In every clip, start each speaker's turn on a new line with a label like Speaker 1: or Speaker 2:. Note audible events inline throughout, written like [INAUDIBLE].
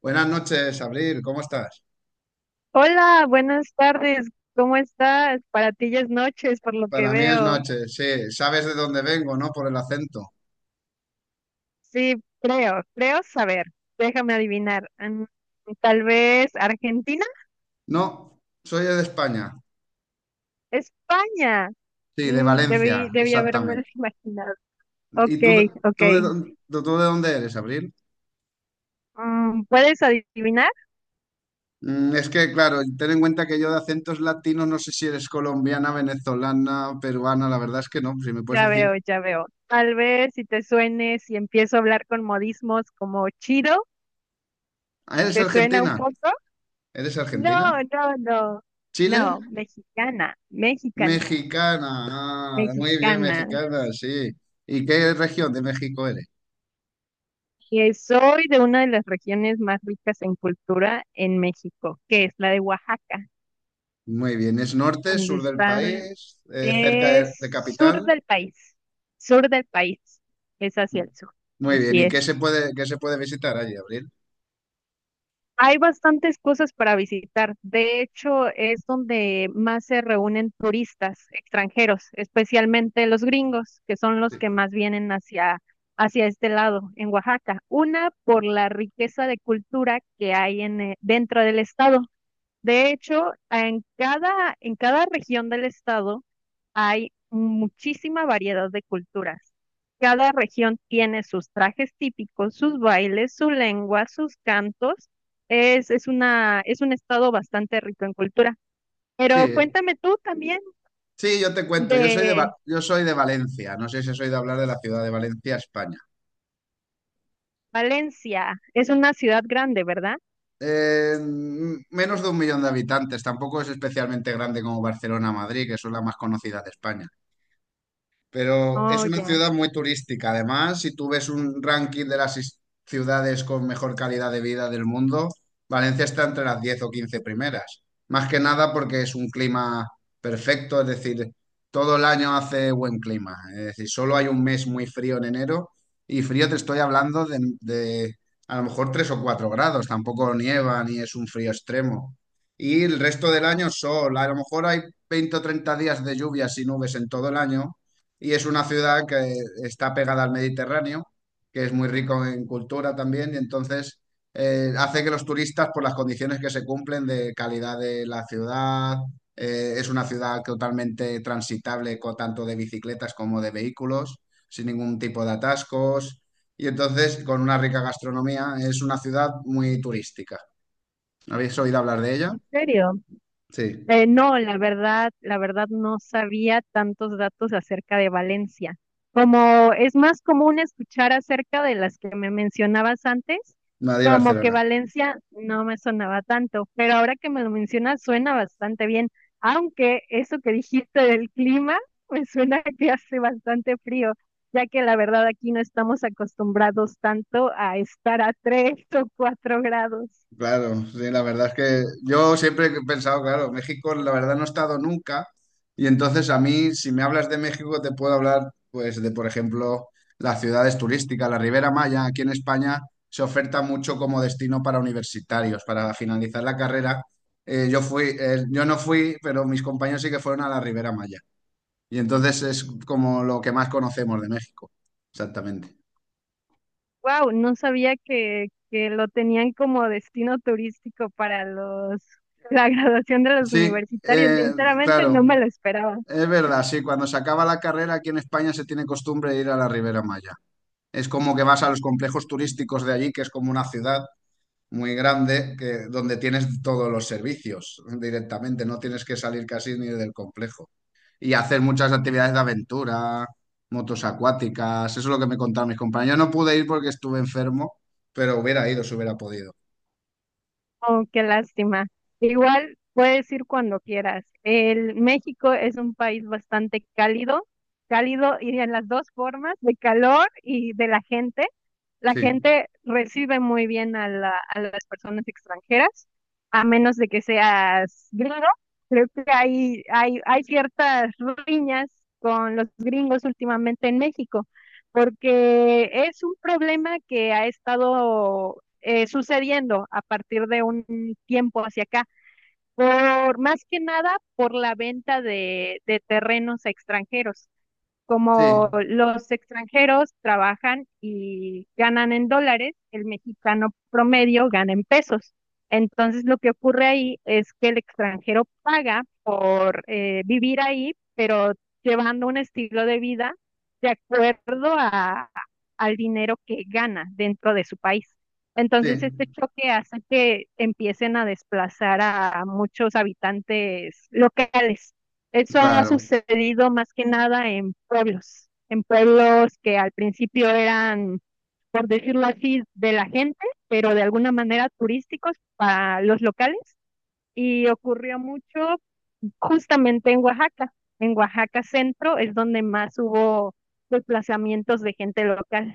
Speaker 1: Buenas noches, Abril, ¿cómo estás?
Speaker 2: Hola, buenas tardes. ¿Cómo estás? Para ti ya es noches, por lo que
Speaker 1: Para mí es
Speaker 2: veo.
Speaker 1: noche, sí. Sabes de dónde vengo, ¿no? Por el acento.
Speaker 2: Sí, creo saber. Déjame adivinar. Tal vez Argentina,
Speaker 1: No, soy de España.
Speaker 2: España.
Speaker 1: Sí, de
Speaker 2: Debí,
Speaker 1: Valencia,
Speaker 2: debí haberme
Speaker 1: exactamente.
Speaker 2: [LAUGHS] imaginado. Ok,
Speaker 1: ¿Y tú, de-
Speaker 2: ok.
Speaker 1: tú, de, dónde, tú de dónde eres, Abril?
Speaker 2: ¿Puedes adivinar?
Speaker 1: Es que, claro, ten en cuenta que yo de acentos latinos no sé si eres colombiana, venezolana, peruana, la verdad es que no, si me puedes
Speaker 2: Ya
Speaker 1: decir.
Speaker 2: veo, ya veo. Tal vez si te suene, si empiezo a hablar con modismos como chido,
Speaker 1: Ah, ¿eres
Speaker 2: ¿te suena un
Speaker 1: argentina?
Speaker 2: poco?
Speaker 1: ¿Eres argentina?
Speaker 2: No, no, no.
Speaker 1: ¿Chile?
Speaker 2: No, mexicana, mexicana,
Speaker 1: Mexicana. Ah, muy bien,
Speaker 2: mexicana.
Speaker 1: mexicana, sí. ¿Y qué región de México eres?
Speaker 2: Que soy de una de las regiones más ricas en cultura en México, que es la de Oaxaca,
Speaker 1: Muy bien, ¿es norte,
Speaker 2: donde
Speaker 1: sur del
Speaker 2: están,
Speaker 1: país, cerca de
Speaker 2: es
Speaker 1: capital?
Speaker 2: sur del país, es hacia el sur,
Speaker 1: Muy bien,
Speaker 2: así
Speaker 1: ¿y
Speaker 2: es.
Speaker 1: qué se puede visitar allí, Abril?
Speaker 2: Hay bastantes cosas para visitar, de hecho es donde más se reúnen turistas extranjeros, especialmente los gringos, que son los que más vienen hacia, hacia este lado, en Oaxaca. Una por la riqueza de cultura que hay en dentro del estado. De hecho, en cada región del estado hay muchísima variedad de culturas. Cada región tiene sus trajes típicos, sus bailes, su lengua, sus cantos. Es un estado bastante rico en cultura.
Speaker 1: Sí,
Speaker 2: Pero cuéntame tú también
Speaker 1: sí, yo te cuento, yo soy de,
Speaker 2: de
Speaker 1: Va- yo soy de Valencia, no sé si soy de hablar de la ciudad de Valencia, España.
Speaker 2: Valencia. Es una ciudad grande, ¿verdad?
Speaker 1: Menos de un millón de habitantes, tampoco es especialmente grande como Barcelona o Madrid, que son las más conocidas de España. Pero es
Speaker 2: Oh,
Speaker 1: una
Speaker 2: ya.
Speaker 1: ciudad muy turística. Además, si tú ves un ranking de las ciudades con mejor calidad de vida del mundo, Valencia está entre las 10 o 15 primeras. Más que nada porque es un clima perfecto, es decir, todo el año hace buen clima. Es decir, solo hay un mes muy frío en enero y frío te estoy hablando de a lo mejor 3 o 4 grados. Tampoco nieva ni es un frío extremo. Y el resto del año sol. A lo mejor hay 20 o 30 días de lluvias y nubes en todo el año y es una ciudad que está pegada al Mediterráneo, que es muy rico en cultura también, y entonces hace que los turistas, por las condiciones que se cumplen de calidad de la ciudad, es una ciudad totalmente transitable, tanto de bicicletas como de vehículos, sin ningún tipo de atascos, y entonces con una rica gastronomía, es una ciudad muy turística. ¿Habéis oído hablar de ella?
Speaker 2: ¿En serio?
Speaker 1: Sí,
Speaker 2: No, la verdad no sabía tantos datos acerca de Valencia. Como es más común escuchar acerca de las que me mencionabas antes, como que
Speaker 1: Madrid-Barcelona.
Speaker 2: Valencia no me sonaba tanto, pero ahora que me lo mencionas suena bastante bien, aunque eso que dijiste del clima, pues suena [LAUGHS] que hace bastante frío, ya que la verdad aquí no estamos acostumbrados tanto a estar a tres o cuatro grados.
Speaker 1: Claro, sí, la verdad es que yo siempre he pensado, claro, México la verdad no he estado nunca y entonces a mí si me hablas de México te puedo hablar pues de por ejemplo las ciudades turísticas, la Ribera Maya aquí en España se oferta mucho como destino para universitarios, para finalizar la carrera. Yo fui, yo no fui, pero mis compañeros sí que fueron a la Ribera Maya y entonces es como lo que más conocemos de México, exactamente.
Speaker 2: Wow, no sabía que lo tenían como destino turístico para los [LAUGHS] la graduación de los
Speaker 1: Sí,
Speaker 2: universitarios. Sinceramente, no
Speaker 1: claro.
Speaker 2: me lo esperaba.
Speaker 1: Es verdad, sí, cuando se acaba la carrera aquí en España se tiene costumbre de ir a la Ribera Maya. Es como que vas a los complejos turísticos de allí, que es como una ciudad muy grande, que, donde tienes todos los servicios directamente, no tienes que salir casi ni del complejo. Y hacer muchas actividades de aventura, motos acuáticas, eso es lo que me contaron mis compañeros. Yo no pude ir porque estuve enfermo, pero hubiera ido si hubiera podido.
Speaker 2: Oh, qué lástima. Igual puedes ir cuando quieras. El México es un país bastante cálido, cálido y en las dos formas, de calor y de la gente. La
Speaker 1: Sí,
Speaker 2: gente recibe muy bien a, a las personas extranjeras, a menos de que seas gringo. Creo que hay ciertas riñas con los gringos últimamente en México, porque es un problema que ha estado sucediendo a partir de un tiempo hacia acá, por más que nada por la venta de terrenos a extranjeros.
Speaker 1: sí,
Speaker 2: Como los extranjeros trabajan y ganan en dólares, el mexicano promedio gana en pesos. Entonces lo que ocurre ahí es que el extranjero paga por vivir ahí, pero llevando un estilo de vida de acuerdo a, al dinero que gana dentro de su país. Entonces,
Speaker 1: sí,
Speaker 2: este choque hace que empiecen a desplazar a muchos habitantes locales. Eso ha
Speaker 1: claro.
Speaker 2: sucedido más que nada en pueblos, en pueblos que al principio eran, por decirlo así, de la gente, pero de alguna manera turísticos para los locales. Y ocurrió mucho justamente en Oaxaca. En Oaxaca Centro es donde más hubo desplazamientos de gente local.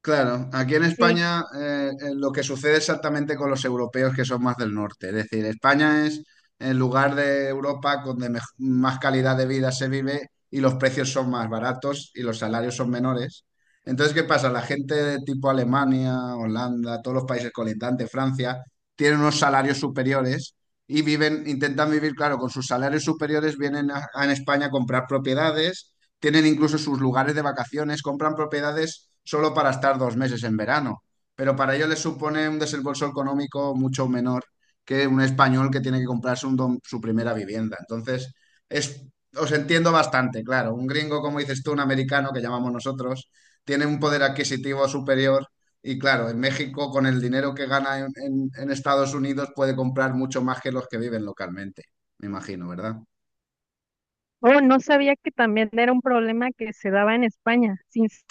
Speaker 1: Claro, aquí en
Speaker 2: Sí.
Speaker 1: España lo que sucede exactamente con los europeos que son más del norte. Es decir, España es el lugar de Europa donde más calidad de vida se vive y los precios son más baratos y los salarios son menores. Entonces, ¿qué pasa? La gente de tipo Alemania, Holanda, todos los países colindantes, Francia, tienen unos salarios superiores y viven, intentan vivir, claro, con sus salarios superiores vienen a en España a comprar propiedades, tienen incluso sus lugares de vacaciones, compran propiedades solo para estar 2 meses en verano, pero para ellos les supone un desembolso económico mucho menor que un español que tiene que comprarse su primera vivienda. Entonces, es, os entiendo bastante, claro. Un gringo, como dices tú, un americano, que llamamos nosotros, tiene un poder adquisitivo superior y claro, en México con el dinero que gana en Estados Unidos puede comprar mucho más que los que viven localmente, me imagino, ¿verdad?
Speaker 2: Oh, no sabía que también era un problema que se daba en España.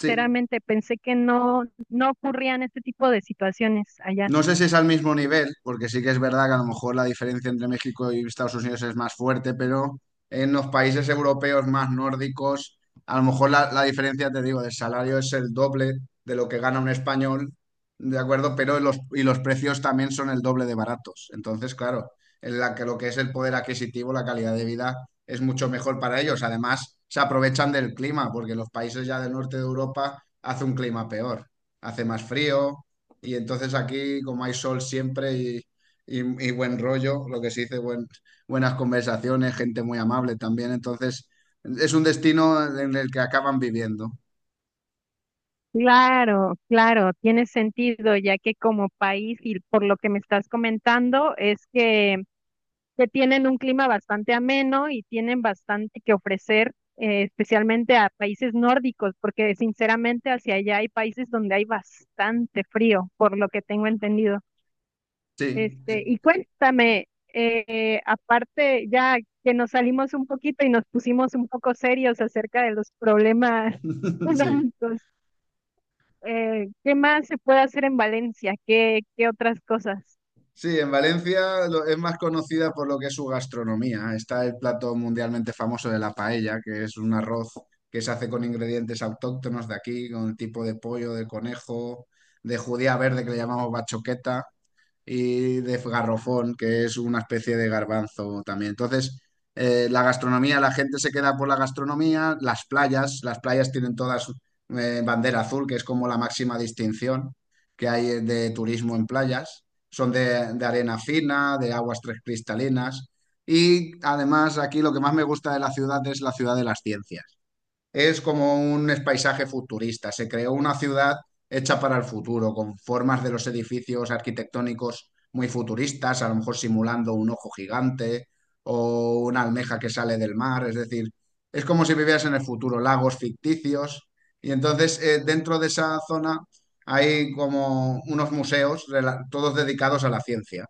Speaker 1: Sí.
Speaker 2: pensé que no, no ocurrían este tipo de situaciones allá.
Speaker 1: No sé si es al mismo nivel, porque sí que es verdad que a lo mejor la diferencia entre México y Estados Unidos es más fuerte, pero en los países europeos más nórdicos, a lo mejor la diferencia, te digo, del salario es el doble de lo que gana un español, ¿de acuerdo? Pero los, y los precios también son el doble de baratos. Entonces, claro, en la que lo que es el poder adquisitivo, la calidad de vida es mucho mejor para ellos. Además, se aprovechan del clima, porque en los países ya del norte de Europa hace un clima peor, hace más frío y entonces aquí, como hay sol siempre y, y buen rollo, lo que se dice, buenas conversaciones, gente muy amable también, entonces es un destino en el que acaban viviendo.
Speaker 2: Claro, claro, tiene sentido, ya que como país y por lo que me estás comentando es que tienen un clima bastante ameno y tienen bastante que ofrecer, especialmente a países nórdicos, porque sinceramente hacia allá hay países donde hay bastante frío, por lo que tengo entendido.
Speaker 1: Sí,
Speaker 2: Este,
Speaker 1: sí,
Speaker 2: y cuéntame, aparte ya que nos salimos un poquito y nos pusimos un poco serios acerca de los problemas [LAUGHS]
Speaker 1: [LAUGHS] sí.
Speaker 2: económicos. ¿Qué más se puede hacer en Valencia? ¿Qué, qué otras cosas?
Speaker 1: Sí, en Valencia es más conocida por lo que es su gastronomía. Está el plato mundialmente famoso de la paella, que es un arroz que se hace con ingredientes autóctonos de aquí, con el tipo de pollo, de conejo, de judía verde que le llamamos bachoqueta, y de garrofón, que es una especie de garbanzo también. Entonces, la gastronomía, la gente se queda por la gastronomía, las playas tienen todas bandera azul, que es como la máxima distinción que hay de turismo en playas. Son de arena fina, de aguas tres cristalinas. Y además aquí lo que más me gusta de la ciudad es la ciudad de las ciencias, es como un paisaje futurista. Se creó una ciudad hecha para el futuro, con formas de los edificios arquitectónicos muy futuristas, a lo mejor simulando un ojo gigante o una almeja que sale del mar. Es decir, es como si vivieras en el futuro, lagos ficticios. Y entonces, dentro de esa zona hay como unos museos, todos dedicados a la ciencia.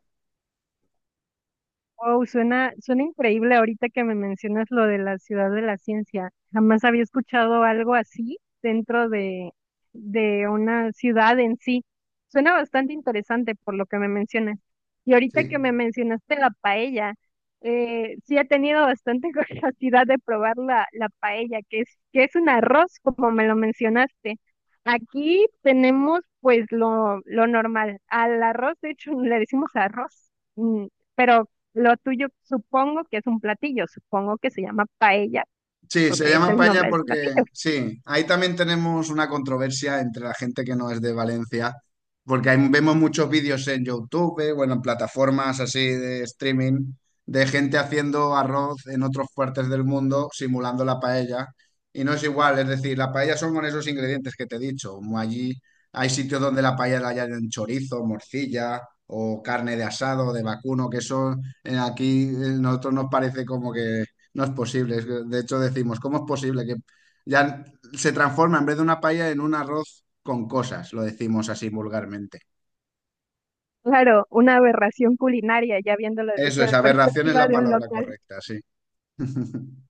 Speaker 2: Wow, suena increíble ahorita que me mencionas lo de la ciudad de la ciencia. Jamás había escuchado algo así dentro de una ciudad en sí. Suena bastante interesante por lo que me mencionas. Y ahorita que me
Speaker 1: Sí.
Speaker 2: mencionaste la paella, sí he tenido bastante [LAUGHS] curiosidad de probar la paella, que es un arroz, como me lo mencionaste. Aquí tenemos pues lo normal. Al arroz, de hecho, le decimos arroz. mm, pero lo tuyo supongo que es un platillo, supongo que se llama paella
Speaker 1: Sí, se
Speaker 2: porque es
Speaker 1: llama
Speaker 2: el
Speaker 1: paella
Speaker 2: nombre del
Speaker 1: porque
Speaker 2: platillo.
Speaker 1: sí, ahí también tenemos una controversia entre la gente que no es de Valencia, porque ahí vemos muchos vídeos en YouTube, bueno, en plataformas así de streaming, de gente haciendo arroz en otras partes del mundo simulando la paella, y no es igual, es decir, la paella son con esos ingredientes que te he dicho, como allí hay sitios donde la paella la hallan en chorizo, morcilla o carne de asado, de vacuno, que eso aquí nosotros nos parece como que no es posible. Es que, de hecho, decimos, ¿cómo es posible que ya se transforma en vez de una paella en un arroz con cosas? Lo decimos así vulgarmente.
Speaker 2: Claro, una aberración culinaria, ya viéndolo
Speaker 1: Eso
Speaker 2: desde
Speaker 1: es,
Speaker 2: la
Speaker 1: aberración es
Speaker 2: perspectiva
Speaker 1: la
Speaker 2: de un
Speaker 1: palabra
Speaker 2: local.
Speaker 1: correcta, sí. [LAUGHS]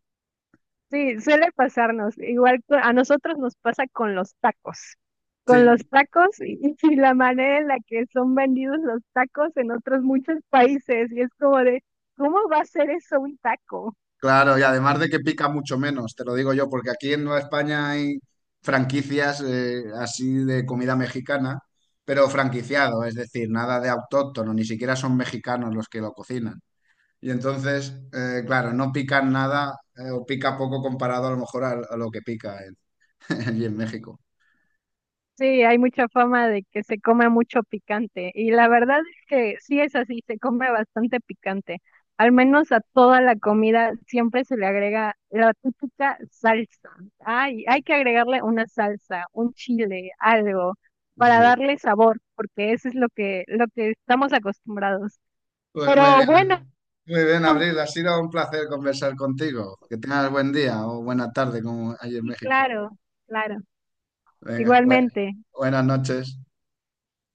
Speaker 2: Sí, suele pasarnos. Igual a nosotros nos pasa con los tacos. Con los
Speaker 1: Sí,
Speaker 2: tacos y, [LAUGHS] y la manera en la que son vendidos los tacos en otros muchos países. Y es como de, ¿cómo va a ser eso un taco?
Speaker 1: claro, y además de que pica mucho menos, te lo digo yo, porque aquí en Nueva España hay franquicias así de comida mexicana, pero franquiciado, es decir, nada de autóctono, ni siquiera son mexicanos los que lo cocinan. Y entonces, claro, no pican nada o pica poco comparado a lo mejor a lo que pica en- [LAUGHS] allí en México.
Speaker 2: Sí, hay mucha fama de que se come mucho picante y la verdad es que sí es así, se come bastante picante. Al menos a toda la comida siempre se le agrega la típica salsa. Ay, hay que agregarle una salsa, un chile, algo para
Speaker 1: Sí.
Speaker 2: darle sabor, porque eso es lo que estamos acostumbrados.
Speaker 1: Pues muy
Speaker 2: Pero
Speaker 1: bien.
Speaker 2: bueno,
Speaker 1: Muy bien, Abril. Ha sido un placer conversar contigo. Que tengas buen día o buena tarde como allí en
Speaker 2: sí,
Speaker 1: México.
Speaker 2: claro, claro.
Speaker 1: Venga,
Speaker 2: Igualmente.
Speaker 1: buenas noches.